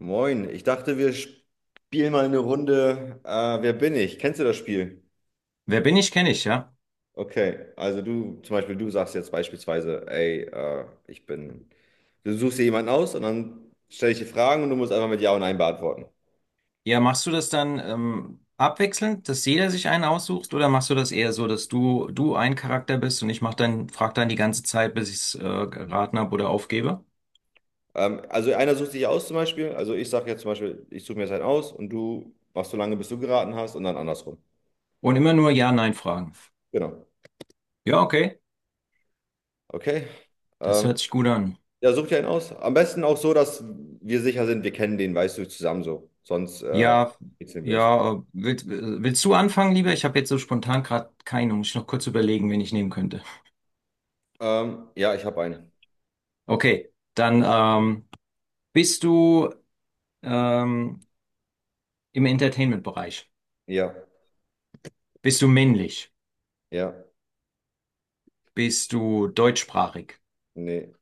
Moin, ich dachte, wir spielen mal eine Runde. Wer bin ich? Kennst du das Spiel? Wer bin ich, kenne ich, ja. Okay, also du, zum Beispiel, du sagst jetzt beispielsweise, ey, ich bin. Du suchst dir jemanden aus und dann stelle ich dir Fragen und du musst einfach mit Ja und Nein beantworten. Ja, machst du das dann abwechselnd, dass jeder sich einen aussucht, oder machst du das eher so, dass du ein Charakter bist und ich mach dann frag dann die ganze Zeit, bis ich's geraten habe oder aufgebe? Also einer sucht sich aus zum Beispiel. Also ich sage jetzt zum Beispiel, ich suche mir jetzt einen aus und du machst so lange, bis du geraten hast und dann andersrum. Und immer nur Ja-Nein fragen. Genau. Ja, okay, Okay. das Ähm, hört sich gut an. ja, such dir einen aus. Am besten auch so, dass wir sicher sind, wir kennen den, weißt du, zusammen so. Sonst Ja, kitzeln wir uns. ja, willst du anfangen, lieber? Ich habe jetzt so spontan gerade keinen. Muss ich noch kurz überlegen, wen ich nehmen könnte. Ja, ich habe einen. Okay, dann bist du ähm, im Entertainment-Bereich. Ja, Bist du männlich? ja, Bist du deutschsprachig? nee,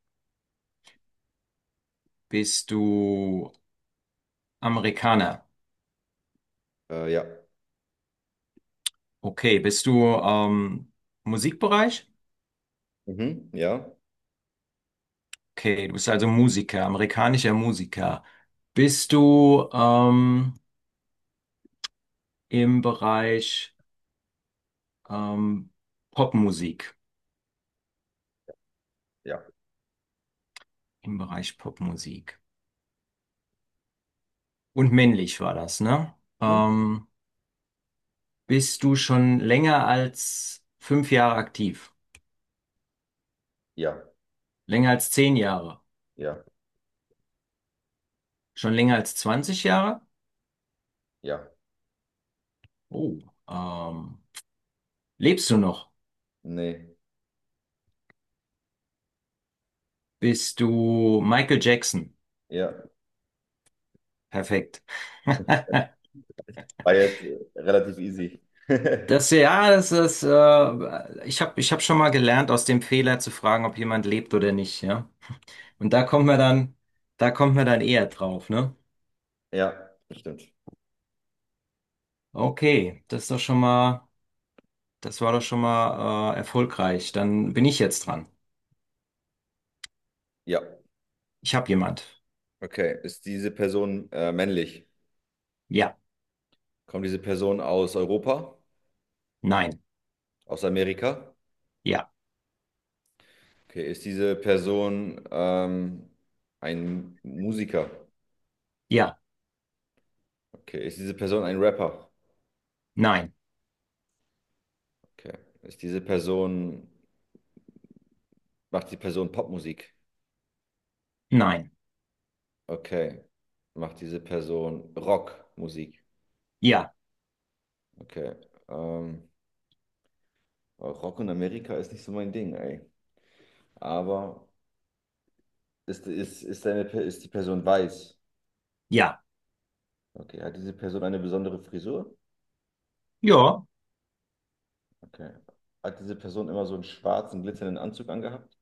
Bist du Amerikaner? Ja. Okay. Bist du Musikbereich? Mhm, ja, Okay, du bist also Musiker, amerikanischer Musiker. Bist du im Bereich ähm, Popmusik? ja, Im Bereich Popmusik. Und männlich war das, ne? mhm, Ähm, Bist du schon länger als 5 Jahre aktiv? ja, Länger als 10 Jahre? ja, Schon länger als 20 Jahre? ja, Oh, ähm, lebst du noch? nee, Bist du Michael Jackson? ja. Perfekt. War jetzt relativ easy. Das, ja, das ist, ich hab schon mal gelernt, aus dem Fehler zu fragen, ob jemand lebt oder nicht, ja. Und da kommt man dann eher drauf, ne? Ja, stimmt. Okay, das war doch schon mal, erfolgreich. Dann bin ich jetzt dran. Ja, Ich habe jemand. okay. Ist diese Person männlich? Ja, Kommt diese Person aus Europa? nein, Aus Amerika? ja, Okay, ist diese Person ein Musiker? ja, Okay, ist diese Person ein Rapper? nein, Okay, ist diese Person, macht die Person Popmusik? nein, Okay. Macht diese Person Rockmusik. ja, Okay. Ähm, Rock in Amerika ist nicht so mein Ding, ey. Aber deine, ist die Person weiß? ja, Okay. Hat diese Person eine besondere Frisur? ja, Okay. Hat diese Person immer so einen schwarzen, glitzernden Anzug angehabt?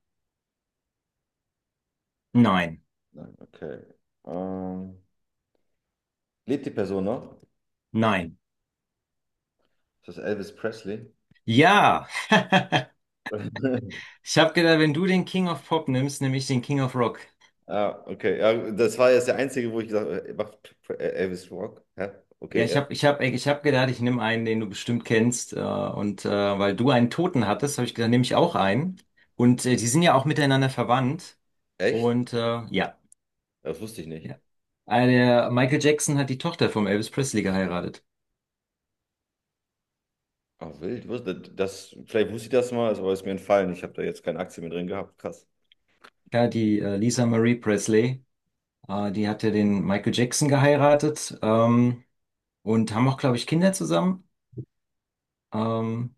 nein, Nein. Okay. Ähm, Lebt die Person noch? nein, Ist das Elvis Presley? ja. Ich habe gedacht, wenn du den King of Pop nimmst, nehme ich den King of Rock. Ah, okay. Ja, das war jetzt der einzige, wo ich gesagt habe, macht Elvis Rock? Hä? Ja, Okay, ich ja. habe ich hab, ich hab gedacht, ich nehme einen, den du bestimmt kennst. Weil du einen Toten hattest, habe ich gedacht, nehme ich auch einen. Und die sind ja auch miteinander verwandt. Echt? Und ja, Das wusste ich nicht. ja. Der Michael Jackson hat die Tochter vom Elvis Presley geheiratet. Ah, wild. Das, vielleicht wusste ich das mal, ist aber ist mir entfallen. Ich habe da jetzt keine Aktie mehr drin gehabt. Krass. Ja, die Lisa Marie Presley. Die hatte den Michael Jackson geheiratet, und haben auch, glaube ich, Kinder zusammen. Ähm,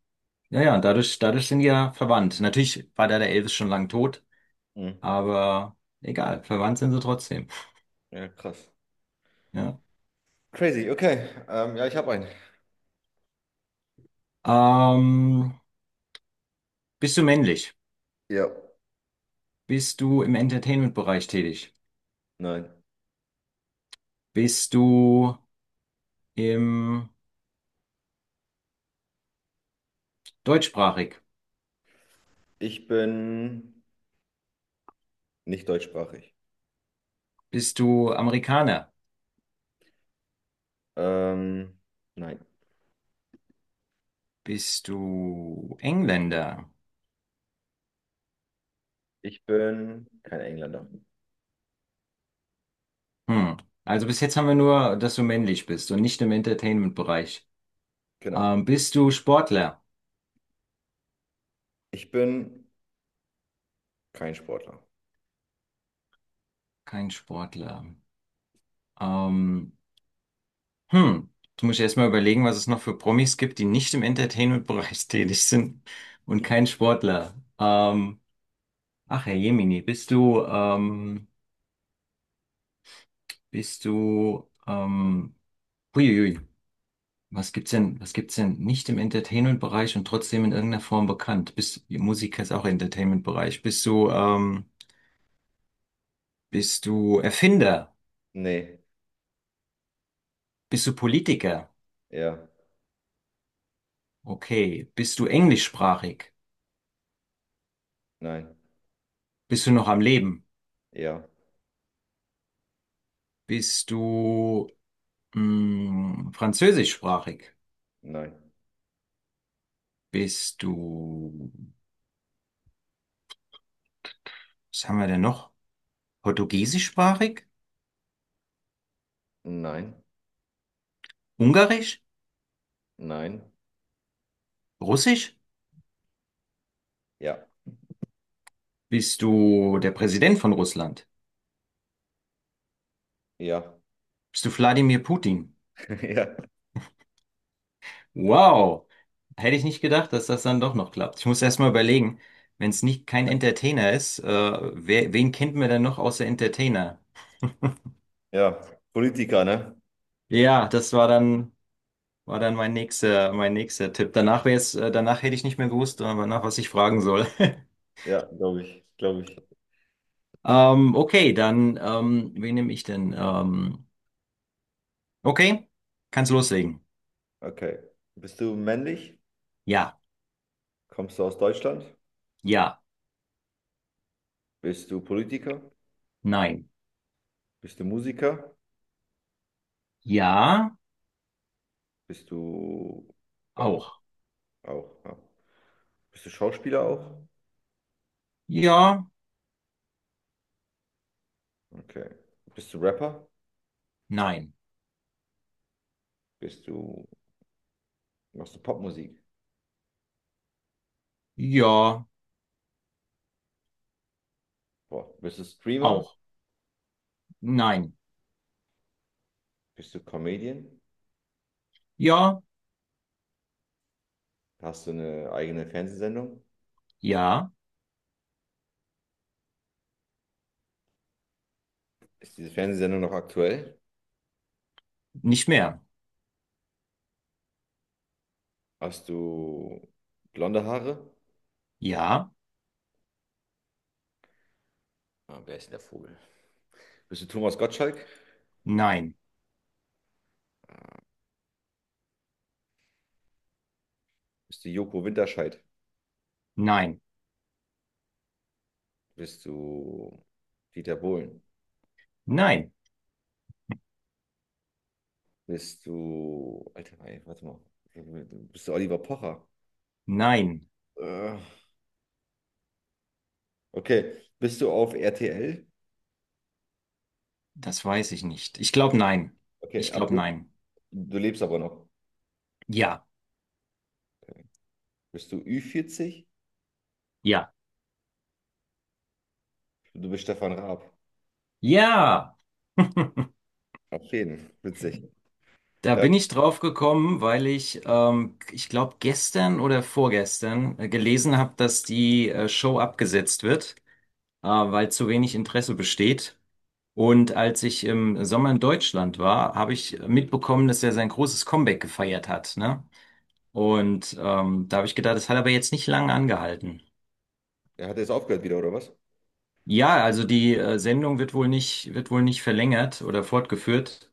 Ja, ja, dadurch sind die ja verwandt. Natürlich war da der Elvis schon lang tot, Mhm. aber egal, verwandt sind sie trotzdem. Ja, krass. Ja. Crazy, okay. Ja, ich habe einen. Ähm, Bist du männlich? Ja. Bist du im Entertainment-Bereich tätig? Nein. Bist du im deutschsprachig? Ich bin nicht deutschsprachig. Bist du Amerikaner? Ähm, nein. Bist du Engländer? Ich bin kein Engländer. Hm. Also bis jetzt haben wir nur, dass du männlich bist und nicht im Entertainment-Bereich. Genau. Bist du Sportler? Ich bin kein Sportler. Kein Sportler. Ähm, Hm, du musst erst mal überlegen, was es noch für Promis gibt, die nicht im Entertainment-Bereich tätig sind und kein Sportler. Ach, Herr Jemini, bist du, ähm, huiuiui, was gibt's denn nicht im Entertainment-Bereich und trotzdem in irgendeiner Form bekannt? Bist, Musiker ist auch Entertainment-Bereich. Bist du Erfinder? Nee. Bist du Politiker? Ja. Okay. Bist du englischsprachig? Nein. Bist du noch am Leben? Ja. Bist du, französischsprachig? Nein. Bist du, was haben wir denn noch? Portugiesischsprachig? Nein. Ungarisch? Nein. Russisch? Ja. Bist du der Präsident von Russland? Ja. Bist du Wladimir Putin? Ja. Wow! Hätte ich nicht gedacht, dass das dann doch noch klappt. Ich muss erst mal überlegen, wenn es nicht kein Entertainer ist, wen kennt man denn noch außer Entertainer? Ja. Politiker, ne? Ja, das war dann war dann mein nächster Tipp. Danach wäre es, danach hätte ich nicht mehr gewusst, nach was ich fragen soll. Ja, glaube ich. Glaube ich. Okay, dann, wen nehme ich denn? Okay, kannst loslegen. Okay. Bist du männlich? Ja, Kommst du aus Deutschland? ja, Bist du Politiker? nein. Bist du Musiker? Ja, Bist du ähm, auch. auch? Ja. Bist du Schauspieler auch? Ja, Okay. Bist du Rapper? nein. Bist du, machst du Popmusik? Ja, Boah. Bist du Streamer? auch. Nein. Bist du Comedian? Ja, Hast du eine eigene Fernsehsendung? ja, Ist diese Fernsehsendung noch aktuell? nicht mehr. Hast du blonde Haare? Ja, Ah, wer ist denn der Vogel? Bist du Thomas Gottschalk? nein, Bist du Joko Winterscheid? nein, Bist du Dieter Bohlen? nein, Bist du. Alter, warte mal. Bist du Oliver Pocher? nein. Äh, Okay. Bist du auf RTL? Das weiß ich nicht. Ich glaube nein. Okay, Ich glaube aber nein. du lebst aber noch. Ja. Okay. Bist du ü 40? Ja. Du bist Stefan Raab. Ja, Auf jeden. Witzig. da Ja, bin ich drauf gekommen, weil ich, ich glaube, gestern oder vorgestern gelesen habe, dass die Show abgesetzt wird, weil zu wenig Interesse besteht. Und als ich im Sommer in Deutschland war, habe ich mitbekommen, dass er sein großes Comeback gefeiert hat, ne? Und da habe ich gedacht, das hat aber jetzt nicht lange angehalten. er hat jetzt aufgehört wieder, oder was? Ja, also die Sendung wird wohl nicht verlängert oder fortgeführt.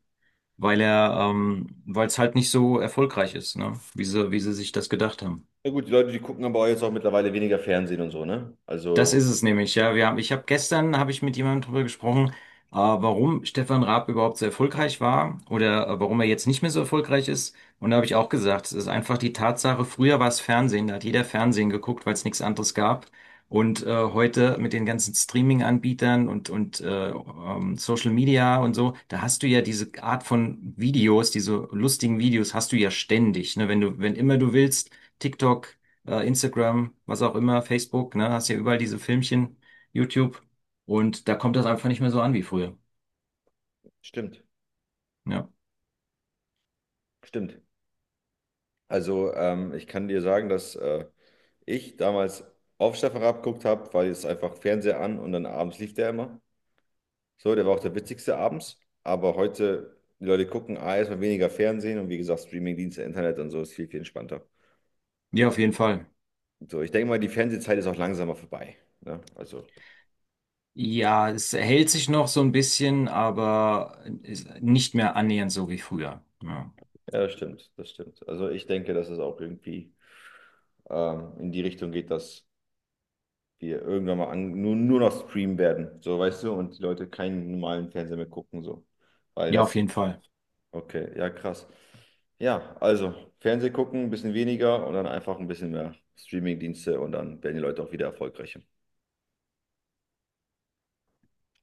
Weil er, weil es halt nicht so erfolgreich ist, ne? Wie sie sich das gedacht haben. Na gut, die Leute, die gucken aber auch jetzt auch mittlerweile weniger Fernsehen und so, ne? Das Also, ist es nämlich, ja. Ich habe gestern habe ich mit jemandem darüber gesprochen, warum Stefan Raab überhaupt so erfolgreich war oder warum er jetzt nicht mehr so erfolgreich ist. Und da habe ich auch gesagt, es ist einfach die Tatsache, früher war es Fernsehen, da hat jeder Fernsehen geguckt, weil es nichts anderes gab. Und heute mit den ganzen Streaming-Anbietern und Social Media und so, da hast du ja diese Art von Videos, diese lustigen Videos hast du ja ständig, ne? Wenn immer du willst, TikTok, Instagram, was auch immer, Facebook, ne, hast ja überall diese Filmchen, YouTube. Und da kommt das einfach nicht mehr so an wie früher. stimmt. Ja, Stimmt. Also, ich kann dir sagen, dass ich damals auf Stefan Raab geguckt habe, weil jetzt einfach Fernseher an und dann abends lief der immer. So, der war auch der witzigste abends. Aber heute, die Leute gucken A, erstmal weniger Fernsehen und wie gesagt, Streamingdienste, Internet und so ist viel, viel entspannter. ja, auf jeden Fall. So, ich denke mal, die Fernsehzeit ist auch langsamer vorbei. Ne? Also, Ja, es hält sich noch so ein bisschen, aber ist nicht mehr annähernd so wie früher. Ja, ja, das stimmt, das stimmt. Also, ich denke, dass es auch irgendwie in die Richtung geht, dass wir irgendwann mal an, nur noch streamen werden. So, weißt du, und die Leute keinen normalen Fernseher mehr gucken, so. Weil ja, auf das jeden Fall. okay, ja, krass. Ja, also Fernseh gucken, ein bisschen weniger und dann einfach ein bisschen mehr Streamingdienste und dann werden die Leute auch wieder erfolgreicher.